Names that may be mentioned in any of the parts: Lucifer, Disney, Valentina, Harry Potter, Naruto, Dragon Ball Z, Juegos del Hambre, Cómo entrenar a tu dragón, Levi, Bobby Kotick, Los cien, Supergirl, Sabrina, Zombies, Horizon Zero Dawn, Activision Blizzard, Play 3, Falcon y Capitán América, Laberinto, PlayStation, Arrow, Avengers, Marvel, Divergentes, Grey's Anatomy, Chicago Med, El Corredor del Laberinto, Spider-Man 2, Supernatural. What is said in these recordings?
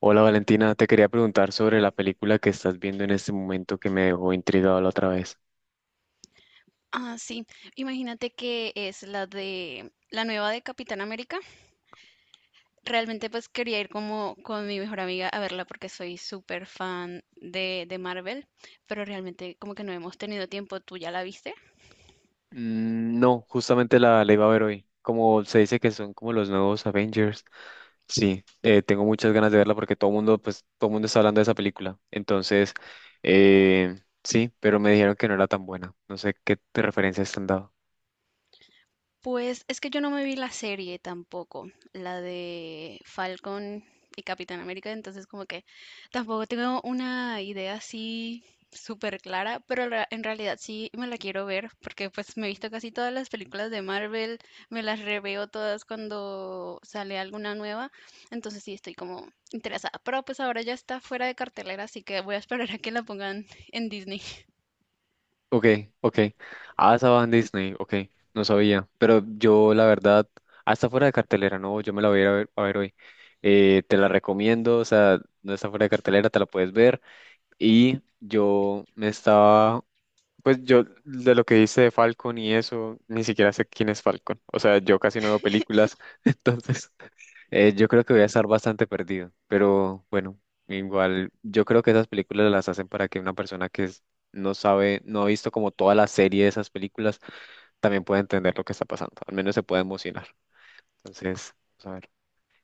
Hola Valentina, te quería preguntar sobre la película que estás viendo en este momento que me dejó intrigado la otra vez. Ah, sí. Imagínate que es la de la nueva de Capitán América. Realmente pues quería ir como con mi mejor amiga a verla porque soy súper fan de Marvel, pero realmente como que no hemos tenido tiempo. ¿Tú ya la viste? No, justamente la iba a ver hoy. Como se dice que son como los nuevos Avengers. Sí, tengo muchas ganas de verla porque todo mundo, pues, todo mundo está hablando de esa película. Entonces, sí, pero me dijeron que no era tan buena. No sé qué te referencias te han dado. Pues es que yo no me vi la serie tampoco, la de Falcon y Capitán América, entonces como que tampoco tengo una idea así súper clara, pero en realidad sí me la quiero ver porque pues me he visto casi todas las películas de Marvel, me las reveo todas cuando sale alguna nueva, entonces sí estoy como interesada, pero pues ahora ya está fuera de cartelera, así que voy a esperar a que la pongan en Disney. Ok, ok. Ah, estaba en Disney, ok. No sabía. Pero yo, la verdad, hasta fuera de cartelera, no, yo me la voy a ir a ver hoy. Te la recomiendo, o sea, no está fuera de cartelera, te la puedes ver. Y yo me estaba pues yo, de lo que dice de Falcon y eso, ni siquiera sé quién es Falcon. O sea, yo casi no veo películas, entonces yo creo que voy a estar bastante perdido. Pero bueno, igual yo creo que esas películas las hacen para que una persona no sabe, no ha visto como toda la serie de esas películas, también pueda entender lo que está pasando. Al menos se pueda emocionar. Entonces, vamos a ver.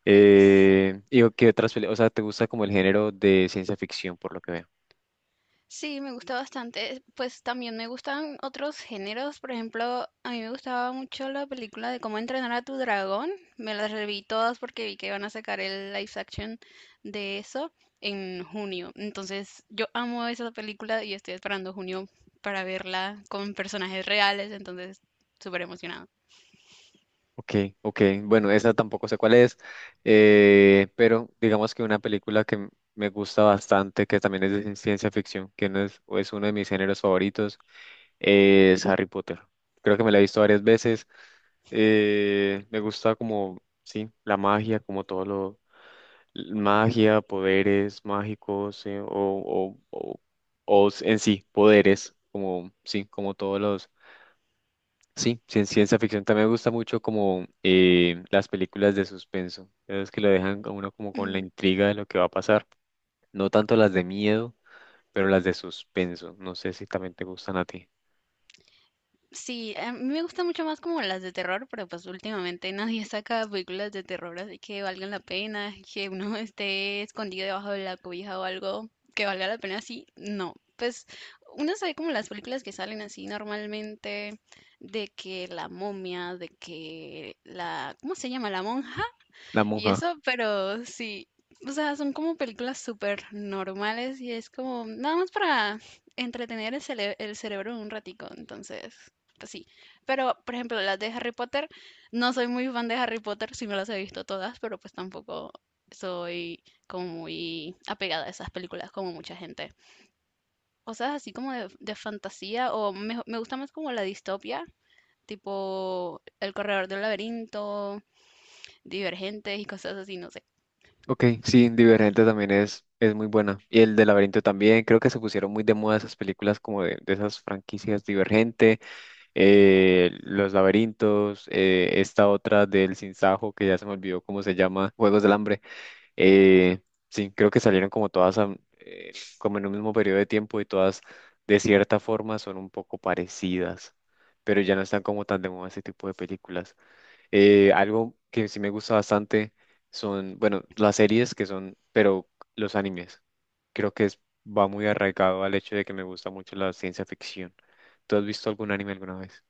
¿Y qué otras películas? O sea, ¿te gusta como el género de ciencia ficción, por lo que veo? Sí, me gusta bastante. Pues también me gustan otros géneros. Por ejemplo, a mí me gustaba mucho la película de Cómo entrenar a tu dragón. Me las reví todas porque vi que iban a sacar el live action de eso en junio. Entonces, yo amo esa película y estoy esperando junio para verla con personajes reales. Entonces, súper emocionado. Ok, ok. Bueno, esa tampoco sé cuál es, pero digamos que una película me gusta bastante, que también es de ciencia ficción, que no es, es uno de mis géneros favoritos, es Harry Potter. Creo que me la he visto varias veces. Me gusta como, sí, la magia, como todo lo, magia, poderes mágicos, en sí, poderes, como, sí, como todos los. Sí, sí, en ciencia ficción también me gusta mucho como las películas de suspenso. Es que lo dejan a uno como con la intriga de lo que va a pasar. No tanto las de miedo, pero las de suspenso. No sé si también te gustan a ti. Sí, a mí me gustan mucho más como las de terror, pero pues últimamente nadie saca películas de terror, así que valgan la pena, que uno esté escondido debajo de la cobija o algo que valga la pena, sí, no. Pues uno sabe como las películas que salen así normalmente, de que la momia, de que la, ¿cómo se llama? La monja La y monja. eso, pero sí, o sea, son como películas súper normales y es como nada más para entretener el, el cerebro un ratico, entonces, pues sí. Pero, por ejemplo, las de Harry Potter, no soy muy fan de Harry Potter, sí me las he visto todas, pero pues tampoco soy como muy apegada a esas películas como mucha gente. Cosas así como de fantasía o me gusta más como la distopia, tipo El Corredor del Laberinto, Divergentes y cosas así, no sé. Ok, sí, Divergente también es muy buena. Y el de Laberinto también. Creo que se pusieron muy de moda esas películas como de esas franquicias Divergente, Los Laberintos, esta otra del Sinsajo que ya se me olvidó cómo se llama, Juegos del Hambre. Eh, sí, creo que salieron como todas como en un mismo periodo de tiempo y todas de cierta forma son un poco parecidas, pero ya no están como tan de moda ese tipo de películas. Algo que sí me gusta bastante son, bueno, las series que son, pero los animes. Creo que es, va muy arraigado al hecho de que me gusta mucho la ciencia ficción. ¿Tú has visto algún anime alguna vez?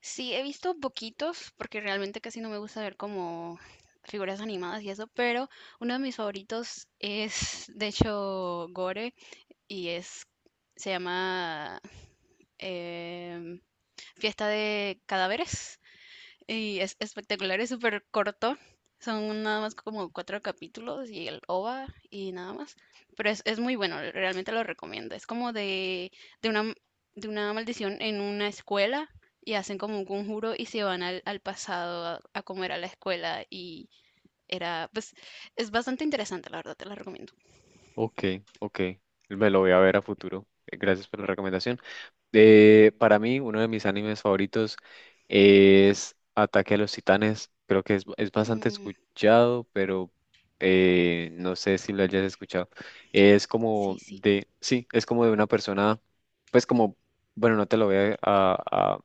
Sí, he visto poquitos, porque realmente casi no me gusta ver como figuras animadas y eso, pero uno de mis favoritos es, de hecho, Gore, y es, se llama em, Fiesta de Cadáveres. Y es espectacular, es súper corto. Son nada más como cuatro capítulos y el OVA y nada más. Pero es muy bueno, realmente lo recomiendo. Es como de una, de una maldición en una escuela y hacen como un conjuro y se van al pasado a comer a la escuela y era, pues, es bastante interesante, la verdad, te lo recomiendo. Ok, ok, me lo voy a ver a futuro. Gracias por la recomendación. De, para mí, uno de mis animes favoritos es Ataque a los Titanes. Creo que es bastante Mm, escuchado, pero no sé si lo hayas escuchado. Es sí, como sí. de, sí, es como de una persona, pues como, bueno, no te lo voy a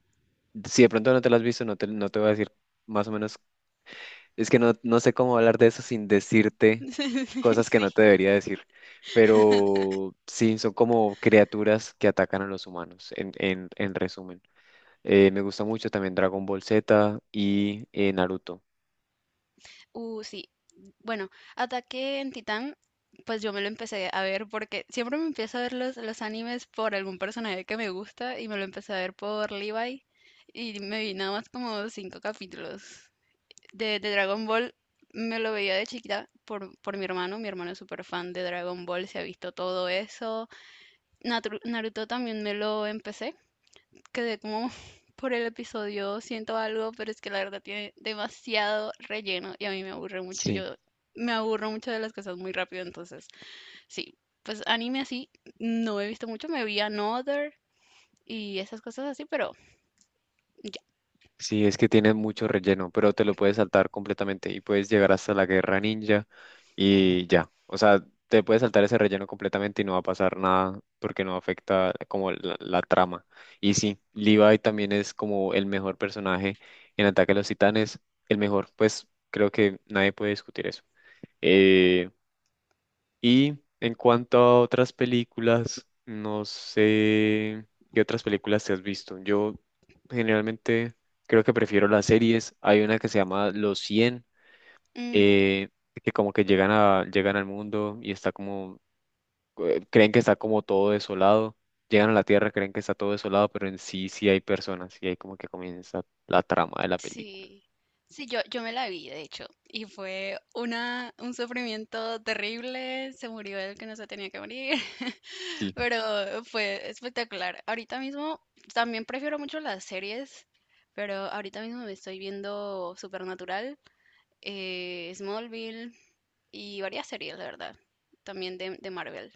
si de pronto no te lo has visto, no te, no te voy a decir más o menos es que no, no sé cómo hablar de eso sin decirte cosas que Sí. no te debería decir, pero sí, son como criaturas que atacan a los humanos, en resumen. Me gusta mucho también Dragon Ball Z y Naruto. Sí. Bueno, Ataque en Titán, pues yo me lo empecé a ver porque siempre me empiezo a ver los animes por algún personaje que me gusta y me lo empecé a ver por Levi y me vi nada más como cinco capítulos. De Dragon Ball me lo veía de chiquita por mi hermano es súper fan de Dragon Ball, se ha visto todo eso. Naruto también me lo empecé quedé como por el episodio, siento algo, pero es que la verdad tiene demasiado relleno y a mí me aburre mucho. Sí. Yo me aburro mucho de las cosas muy rápido, entonces sí, pues anime así, no he visto mucho, me vi Another y esas cosas así, pero ya. Sí, es que tiene mucho relleno, pero te lo puedes saltar completamente y puedes llegar hasta la guerra ninja y ya. O sea, te puedes saltar ese relleno completamente y no va a pasar nada porque no afecta como la trama. Y sí, Levi también es como el mejor personaje en Ataque a los Titanes, el mejor, pues creo que nadie puede discutir eso. Eh, y en cuanto a otras películas, no sé qué otras películas te has visto. Yo generalmente creo que prefiero las series. Hay una que se llama Los cien Mm, eh, que como que llegan a, llegan al mundo y está como, creen que está como todo desolado. Llegan a la Tierra, creen que está todo desolado, pero en sí sí hay personas y ahí como que comienza la trama de la película. sí, sí, yo me la vi, de hecho, y fue un sufrimiento terrible, se murió el que no se tenía que morir. Sí. Pero fue espectacular. Ahorita mismo también prefiero mucho las series, pero ahorita mismo me estoy viendo Supernatural, Smallville y varias series, la verdad. También de Marvel,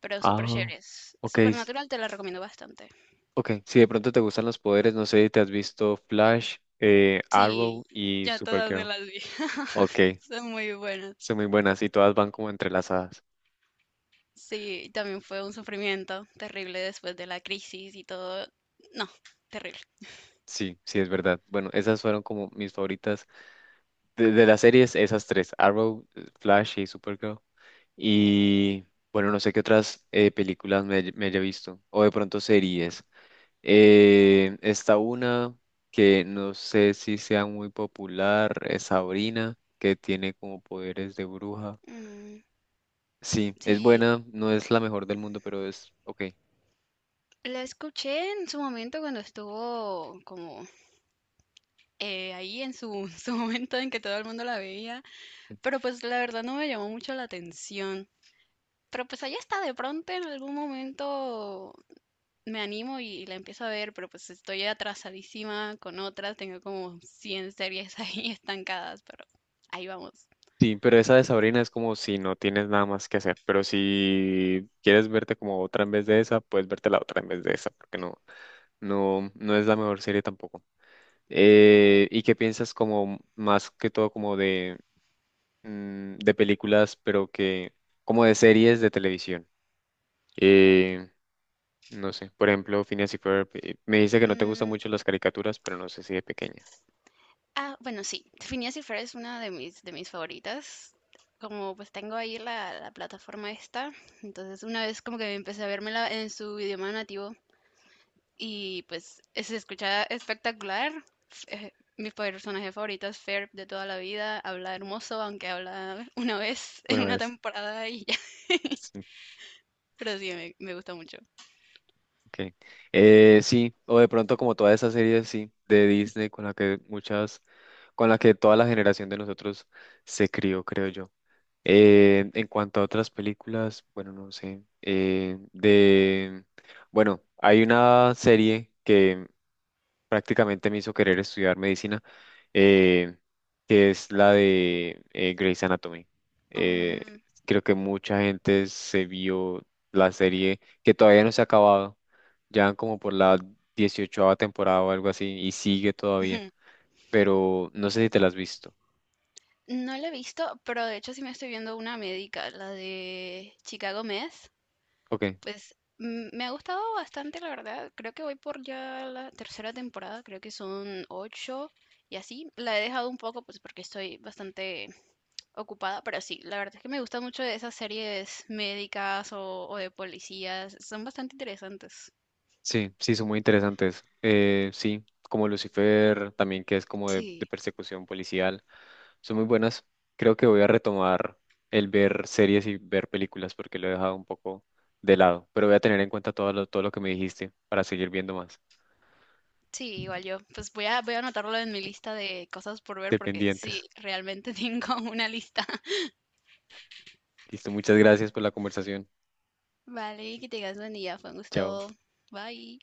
pero super Ah, chéveres. ok. Supernatural te la recomiendo bastante. Ok, si de pronto te gustan los poderes, no sé si te has visto Flash, Arrow Sí, y ya todas me Supergirl. las vi. Ok, Son muy buenas. son muy buenas y todas van como entrelazadas. Sí, y también fue un sufrimiento terrible después de la crisis y todo. No, terrible. Sí, sí, es verdad. Bueno, esas fueron como mis favoritas de las series, esas tres, Arrow, Flash y Supergirl. Y bueno, no sé qué otras películas me, haya visto o de pronto series. Esta una que no sé si sea muy popular, es Sabrina, que tiene como poderes de bruja. Mm, Sí, es sí. buena, no es la mejor del mundo, pero es ok. La escuché en su momento cuando estuvo como ahí en su, su momento en que todo el mundo la veía, pero pues la verdad no me llamó mucho la atención. Pero pues ahí está, de pronto en algún momento me animo y la empiezo a ver, pero pues estoy atrasadísima con otras, tengo como 100 series ahí estancadas, pero ahí vamos. Sí, pero esa de Sabrina es como si no tienes nada más que hacer, pero si quieres verte como otra en vez de esa, puedes verte la otra en vez de esa, porque no, no, no es la mejor serie tampoco. ¿Y qué piensas como más que todo como de, de películas, pero que como de series de televisión? Eh, no sé, por ejemplo, Phineas y Ferb, me dice que no te gustan Mm. mucho las caricaturas, pero no sé si de pequeña. Ah, bueno, sí, Phineas y Ferb es una de mis favoritas. Como pues tengo ahí la plataforma esta, entonces una vez como que empecé a vérmela en su idioma nativo y pues se escuchaba espectacular. Eh, Mi personaje favorito es Ferb de toda la vida, habla hermoso, aunque habla una vez en Una una vez. temporada y ya, Sí. pero sí, me gusta mucho. Okay. Sí, o de pronto como toda esa serie, sí, de Disney con la que muchas, con la que toda la generación de nosotros se crió, creo yo. En cuanto a otras películas, bueno, no sé, bueno, hay una serie que prácticamente me hizo querer estudiar medicina, eh, que es la de Grey's Anatomy. Eh, Mm, creo que mucha gente se vio la serie que todavía no se ha acabado, ya van como por la 18 temporada o algo así, y sigue todavía, pero no sé si te la has visto. no la he visto, pero de hecho sí me estoy viendo una médica, la de Chicago Med. Ok. Pues me ha gustado bastante, la verdad. Creo que voy por ya la tercera temporada, creo que son ocho y así. La he dejado un poco, pues porque estoy bastante ocupada, pero sí, la verdad es que me gusta mucho de esas series médicas o de policías. Son bastante interesantes. Sí, sí, son muy interesantes. Sí, como Lucifer, también que es como de Sí, persecución policial, son muy buenas. Creo que voy a retomar el ver series y ver películas porque lo he dejado un poco de lado, pero voy a tener en cuenta todo lo que me dijiste para seguir viendo más. sí, igual yo. Pues voy a anotarlo en mi lista de cosas por ver porque Dependientes. sí, realmente tengo una lista. Listo, muchas gracias por la conversación. Vale, que tengas buen día, fue un Chao. gusto. Bye.